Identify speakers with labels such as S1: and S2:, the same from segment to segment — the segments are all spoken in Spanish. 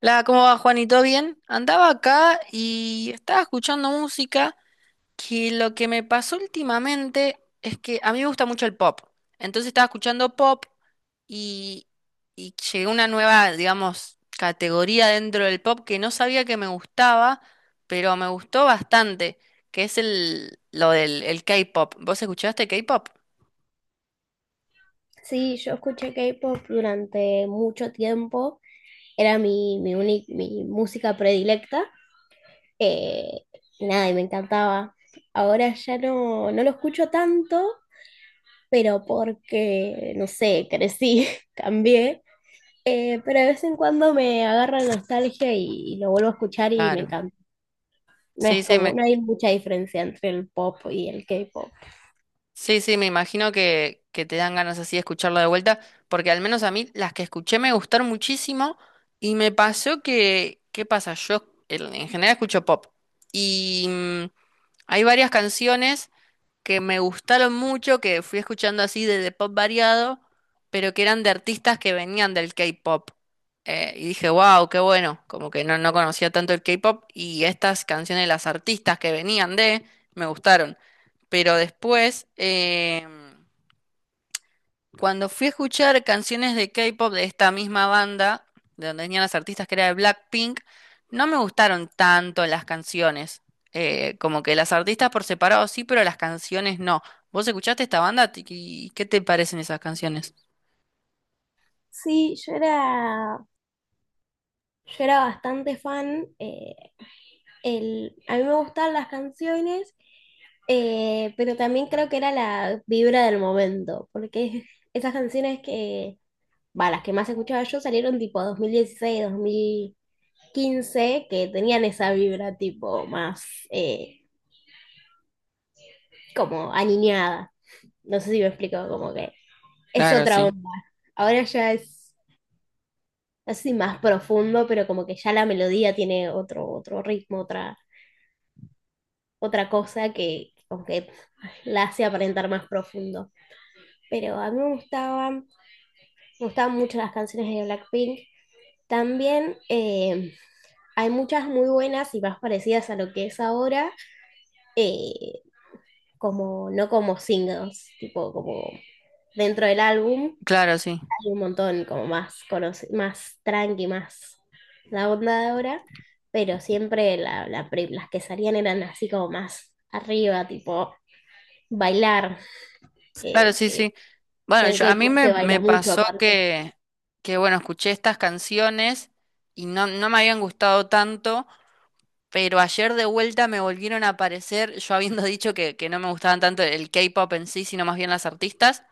S1: La, ¿cómo va, Juanito? Bien. Andaba acá y estaba escuchando música que lo que me pasó últimamente es que a mí me gusta mucho el pop. Entonces estaba escuchando pop y, y llegué a una nueva, digamos, categoría dentro del pop que no sabía que me gustaba, pero me gustó bastante, que es el, lo del el K-pop. ¿Vos escuchaste K-pop?
S2: Sí, yo escuché K-pop durante mucho tiempo, era mi música predilecta, eh, nada, y me encantaba. Ahora ya no lo escucho tanto, pero porque, no sé, crecí, cambié, pero de vez en cuando me agarra nostalgia y lo vuelvo a escuchar y me
S1: Claro.
S2: encanta. No
S1: Sí,
S2: es
S1: sí,
S2: como,
S1: me,
S2: no hay mucha diferencia entre el pop y el K-pop.
S1: Sí, sí, me imagino que te dan ganas así de escucharlo de vuelta, porque al menos a mí las que escuché me gustaron muchísimo y me pasó que, ¿qué pasa? Yo el- en general escucho pop y hay varias canciones que me gustaron mucho, que fui escuchando así de pop variado, pero que eran de artistas que venían del K-pop. Y dije, wow, qué bueno, como que no, no conocía tanto el K-pop y estas canciones de las artistas que venían de, me gustaron. Pero después, cuando fui a escuchar canciones de K-pop de esta misma banda, de donde venían las artistas que era de Blackpink, no me gustaron tanto las canciones. Como que las artistas por separado sí, pero las canciones no. ¿Vos escuchaste esta banda? ¿Y qué te parecen esas canciones?
S2: Sí, yo era bastante fan. El, a mí me gustaban las canciones, pero también creo que era la vibra del momento, porque esas canciones que, va, las que más escuchaba yo salieron tipo 2016, 2015, que tenían esa vibra tipo más eh, como aniñada. No sé si me explico, como que es
S1: Claro,
S2: otra
S1: sí.
S2: onda. Ahora ya es, así más profundo, pero como que ya la melodía tiene otro, otro ritmo, otra, otra cosa que como que la hace aparentar más profundo. Pero a mí me gustaban mucho las canciones de Blackpink. También hay muchas muy buenas y más parecidas a lo que es ahora, eh, como, no como singles, tipo como dentro del álbum,
S1: Claro, sí.
S2: hay un montón como más, más tranqui, más la onda de ahora, pero siempre las que salían eran así como más arriba, tipo bailar,
S1: Claro,
S2: eh,
S1: sí,
S2: que
S1: sí. Bueno,
S2: en el
S1: yo, a mí
S2: K-pop
S1: me,
S2: se
S1: me
S2: baila mucho
S1: pasó
S2: aparte.
S1: que, bueno, escuché estas canciones y no, no me habían gustado tanto. Pero ayer de vuelta me volvieron a aparecer, yo habiendo dicho que no me gustaban tanto el K-pop en sí, sino más bien las artistas,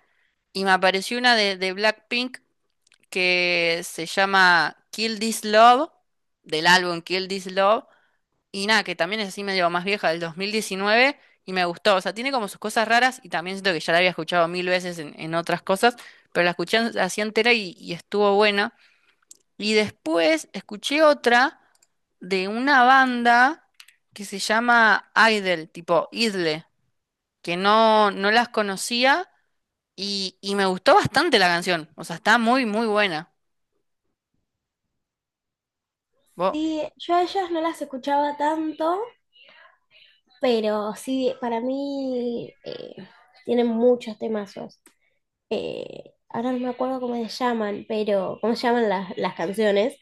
S1: y me apareció una de Blackpink que se llama Kill This Love, del álbum Kill This Love, y nada, que también es así medio más vieja, del 2019, y me gustó. O sea, tiene como sus cosas raras, y también siento que ya la había escuchado mil veces en otras cosas, pero la escuché así entera y estuvo buena. Y después escuché otra de una banda que se llama Idle, tipo Idle, que no, no las conocía y me gustó bastante la canción. O sea, está muy, muy buena. Vos-
S2: Sí, yo a ellas no las escuchaba tanto, pero sí, para mí tienen muchos temazos. Ahora no me acuerdo cómo se llaman, pero cómo se llaman las canciones,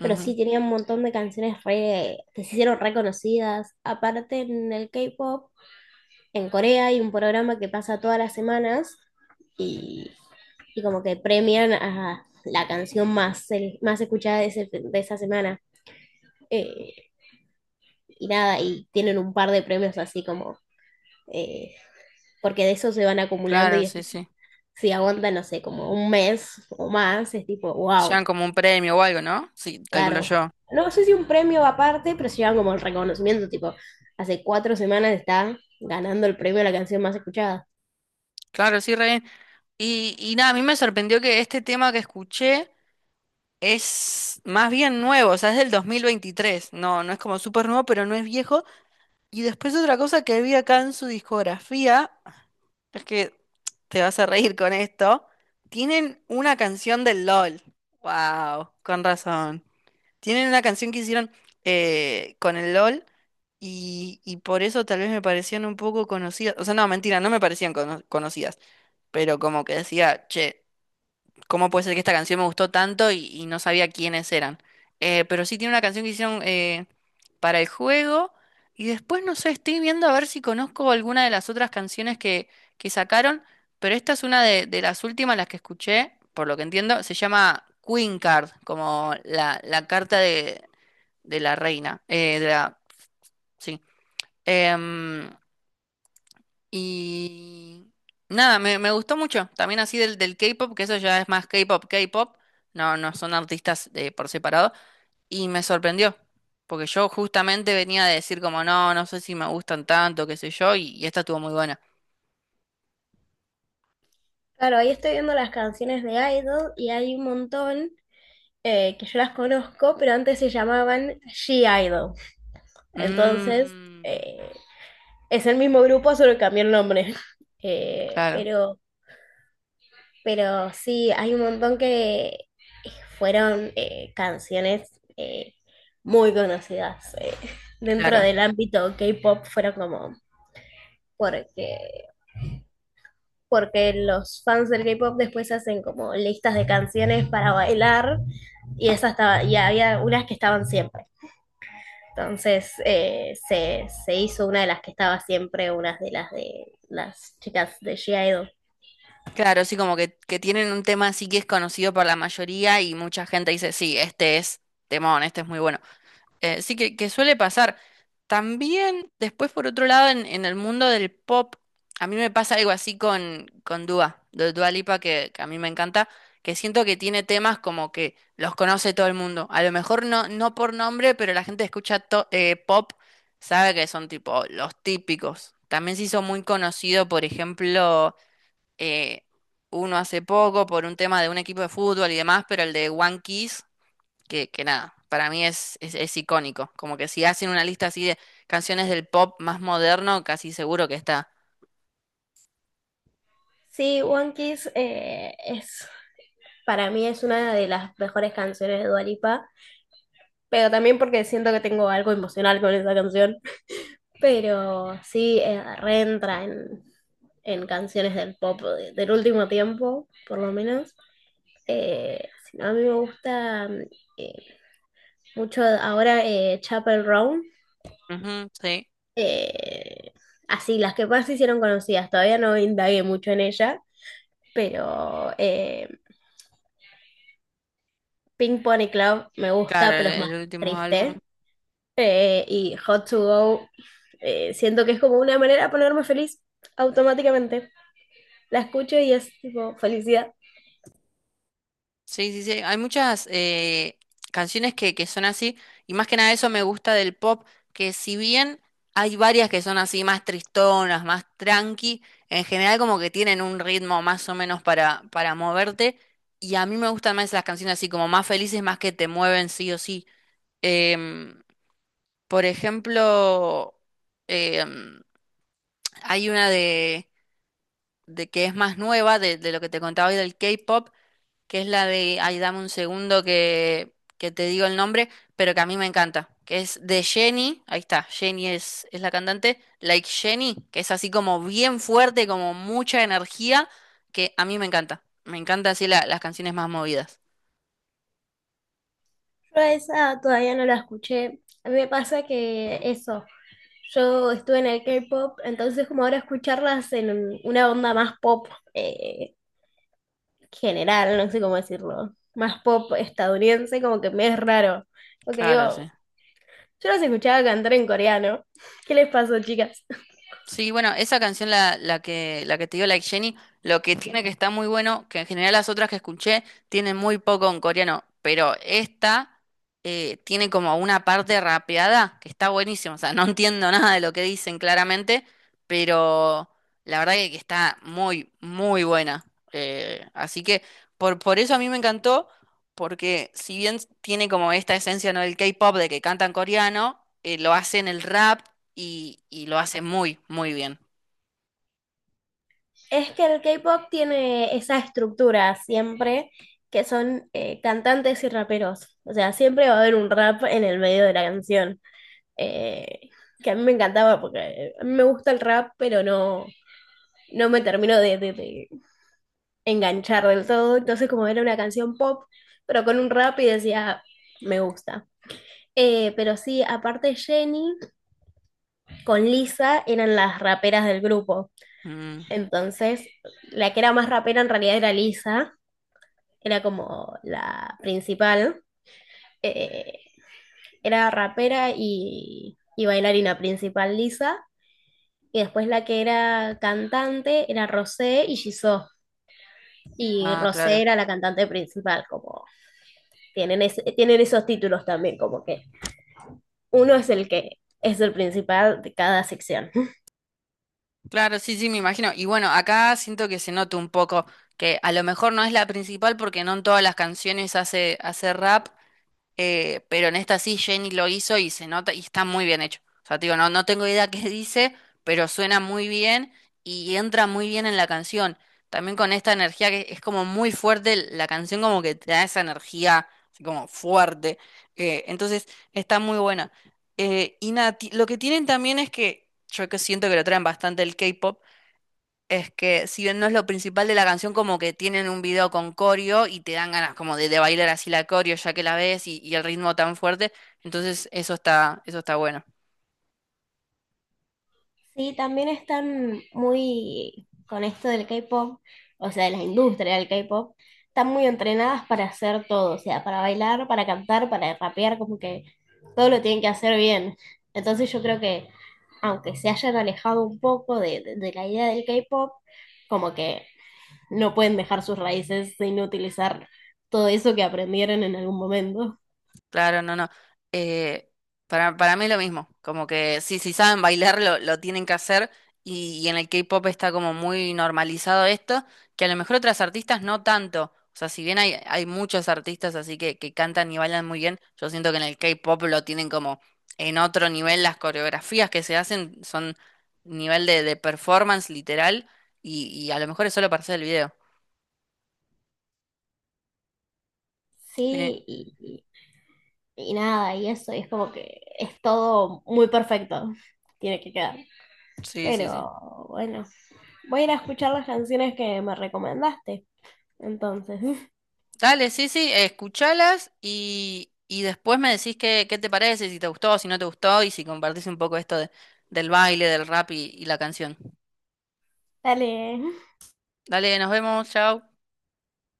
S2: pero sí tenían un montón de que se hicieron reconocidas. Aparte en el K-pop, en Corea hay un programa que pasa todas las semanas y, y como que premian a la canción más, más escuchada de, de esa semana. Eh, y nada, y tienen un par de premios así como, eh, porque de eso se van acumulando
S1: claro,
S2: y
S1: sí, sí.
S2: si aguantan, no sé, como un mes o más, es tipo,
S1: Te llevan
S2: wow,
S1: como un premio o algo, ¿no? Sí, calculo
S2: claro.
S1: yo.
S2: No, no sé si un premio aparte, pero se llevan como el reconocimiento, tipo, hace 4 semanas está ganando el premio a la canción más escuchada.
S1: Claro, sí, re bien. Y nada, a mí me sorprendió que este tema que escuché es más bien nuevo, o sea, es del 2023. No, no es como súper nuevo, pero no es viejo. Y después otra cosa que vi acá en su discografía, es que te vas a reír con esto, tienen una canción del LOL. Wow, con razón. Tienen una canción que hicieron con el LOL y por eso tal vez me parecían un poco conocidas. O sea, no, mentira, no me parecían conocidas, pero como que decía, che, cómo puede ser que esta canción me gustó tanto y no sabía quiénes eran. Pero sí tiene una canción que hicieron para el juego. Y después, no sé, estoy viendo a ver si conozco alguna de las otras canciones que sacaron. Pero esta es una de las últimas, las que escuché, por lo que entiendo. Se llama Queen Card, como la carta de la reina. Sí. Em, y nada, me gustó mucho. También así del, del K-pop, que eso ya es más K-pop, K-pop. No, no son artistas por separado. Y me sorprendió. Porque yo justamente venía de decir como, no, no sé si me gustan tanto, qué sé yo, y esta estuvo muy buena.
S2: Claro, ahí estoy viendo las canciones de Idol y hay un montón que yo las conozco, pero antes se llamaban She-Idol. Entonces,
S1: Mm,
S2: eh, es el mismo grupo, solo cambió el nombre. Eh,
S1: claro,
S2: pero Pero sí, hay un montón que fueron canciones muy conocidas dentro
S1: claro.
S2: del ámbito K-pop, fueron como porque, porque los fans del K-pop después hacen como listas de canciones para bailar y esa estaba, y había unas que estaban siempre. Entonces se hizo una de las que estaba siempre, unas de las chicas de G-Idol.
S1: Claro, sí, como que tienen un tema así que es conocido por la mayoría y mucha gente dice, sí, este es temón, este es muy bueno. Sí que suele pasar. También, después, por otro lado, en el mundo del pop, a mí me pasa algo así con Dua, de Dua Lipa, que a mí me encanta, que siento que tiene temas como que los conoce todo el mundo. A lo mejor no, no por nombre, pero la gente escucha pop, sabe que son tipo los típicos. También se hizo muy conocido, por ejemplo, eh, uno hace poco por un tema de un equipo de fútbol y demás, pero el de One Kiss que nada, para mí es icónico. Como que si hacen una lista así de canciones del pop más moderno, casi seguro que está.
S2: Sí, One Kiss es para mí es una de las mejores canciones de Dua Lipa, pero también porque siento que tengo algo emocional con esa canción. Pero sí, reentra en canciones del del último tiempo, por lo menos. Si no, a mí me gusta eh, mucho ahora Chapel Roan.
S1: Ujú, sí,
S2: eh, así, las que más se hicieron conocidas. Todavía no indagué mucho en ella, pero Pink Pony Club me gusta,
S1: claro,
S2: pero es más
S1: el último álbum.
S2: triste. Y Hot to Go, siento que es como una manera de ponerme feliz automáticamente. La escucho y es tipo felicidad.
S1: Sí, sí, sí. Hay muchas canciones que son así, y más que nada eso me gusta del pop, que si bien hay varias que son así más tristonas, más tranqui, en general como que tienen un ritmo más o menos para moverte, y a mí me gustan más las canciones así como más felices, más que te mueven sí o sí. Em, Por ejemplo, em, hay una de que es más nueva, de lo que te contaba hoy del K-pop, que es la de, ay, dame un segundo que te digo el nombre, pero que a mí me encanta, que es de Jennie, ahí está, Jennie es la cantante, Like Jennie, que es así como bien fuerte, como mucha energía, que a mí me encanta. Me encanta así las canciones más movidas.
S2: Yo a esa todavía no la escuché. A mí me pasa que eso, yo estuve en el K-pop, entonces como ahora escucharlas en una onda más pop eh, general, no sé cómo decirlo, más pop estadounidense, como que me es raro. Porque
S1: Claro,
S2: digo,
S1: sí.
S2: yo las escuchaba cantar en coreano. ¿Qué les pasó, chicas?
S1: Sí, bueno, esa canción, la, la que te dio Like Jenny, lo que tiene que está muy bueno, que en general las otras que escuché tienen muy poco en coreano, pero esta tiene como una parte rapeada que está buenísima, o sea, no entiendo nada de lo que dicen claramente, pero la verdad que está muy, muy buena. Así que por eso a mí me encantó, porque si bien tiene como esta esencia, ¿no? del K-pop de que cantan coreano, lo hacen el rap y lo hace muy, muy bien.
S2: Es que el K-pop tiene esa estructura siempre, que son cantantes y raperos. O sea, siempre va a haber un rap en el medio de la canción. Eh, que a mí me encantaba porque a mí me gusta el rap, pero no, no me termino de enganchar del todo. Entonces, como era una canción pop, pero con un rap y decía, me gusta. Pero sí, aparte Jenny con Lisa eran las raperas del grupo.
S1: Mm,
S2: Entonces, la que era más rapera en realidad era Lisa, era como la principal, eh, era rapera y bailarina principal Lisa, y después la que era cantante era Rosé y Jisoo, y
S1: ah, claro.
S2: Rosé era la cantante principal, como tienen, tienen esos títulos también, como que uno es el que es el principal de cada sección.
S1: Claro, sí, sí, me imagino. Y bueno, acá siento que se nota un poco que a lo mejor no es la principal porque no en todas las canciones hace, hace rap, pero en esta sí Jenny lo hizo y se nota y está muy bien hecho. O sea, te digo, no, no tengo idea qué dice, pero suena muy bien y entra muy bien en la canción. También con esta energía que es como muy fuerte, la canción como que te da esa energía así como fuerte. Entonces está muy buena. Y nada, ti- lo que tienen también es que yo que siento que lo traen bastante el K-pop, es que si bien no es lo principal de la canción, como que tienen un video con coreo y te dan ganas como de bailar así la coreo ya que la ves y el ritmo tan fuerte, entonces eso está bueno.
S2: Sí, también están muy con esto del K-pop, o sea, de la industria del K-pop, están muy entrenadas para hacer todo, o sea, para bailar, para cantar, para rapear, como que todo lo tienen que hacer bien. Entonces yo creo que aunque se hayan alejado un poco de la idea del K-pop, como que no pueden dejar sus raíces sin utilizar todo eso que aprendieron en algún momento.
S1: Claro, no, no. Eh, para mí es lo mismo, como que sí, si saben bailar lo tienen que hacer y en el K-pop está como muy normalizado esto, que a lo mejor otras artistas no tanto. O sea, si bien hay, hay muchos artistas así que cantan y bailan muy bien, yo siento que en el K-pop lo tienen como en otro nivel, las coreografías que se hacen son nivel de performance literal y a lo mejor es solo para hacer el video. Eh,
S2: Sí, y nada, y eso, y es como que es todo muy perfecto, tiene que quedar.
S1: sí, sí, sí.
S2: Pero bueno, voy a ir a escuchar las canciones que me recomendaste, entonces,
S1: Dale, sí, sí, escuchalas y después me decís qué, qué te parece, si te gustó, si no te gustó y si compartís un poco esto de- del baile, del rap y la canción.
S2: dale.
S1: Dale, nos vemos, chao.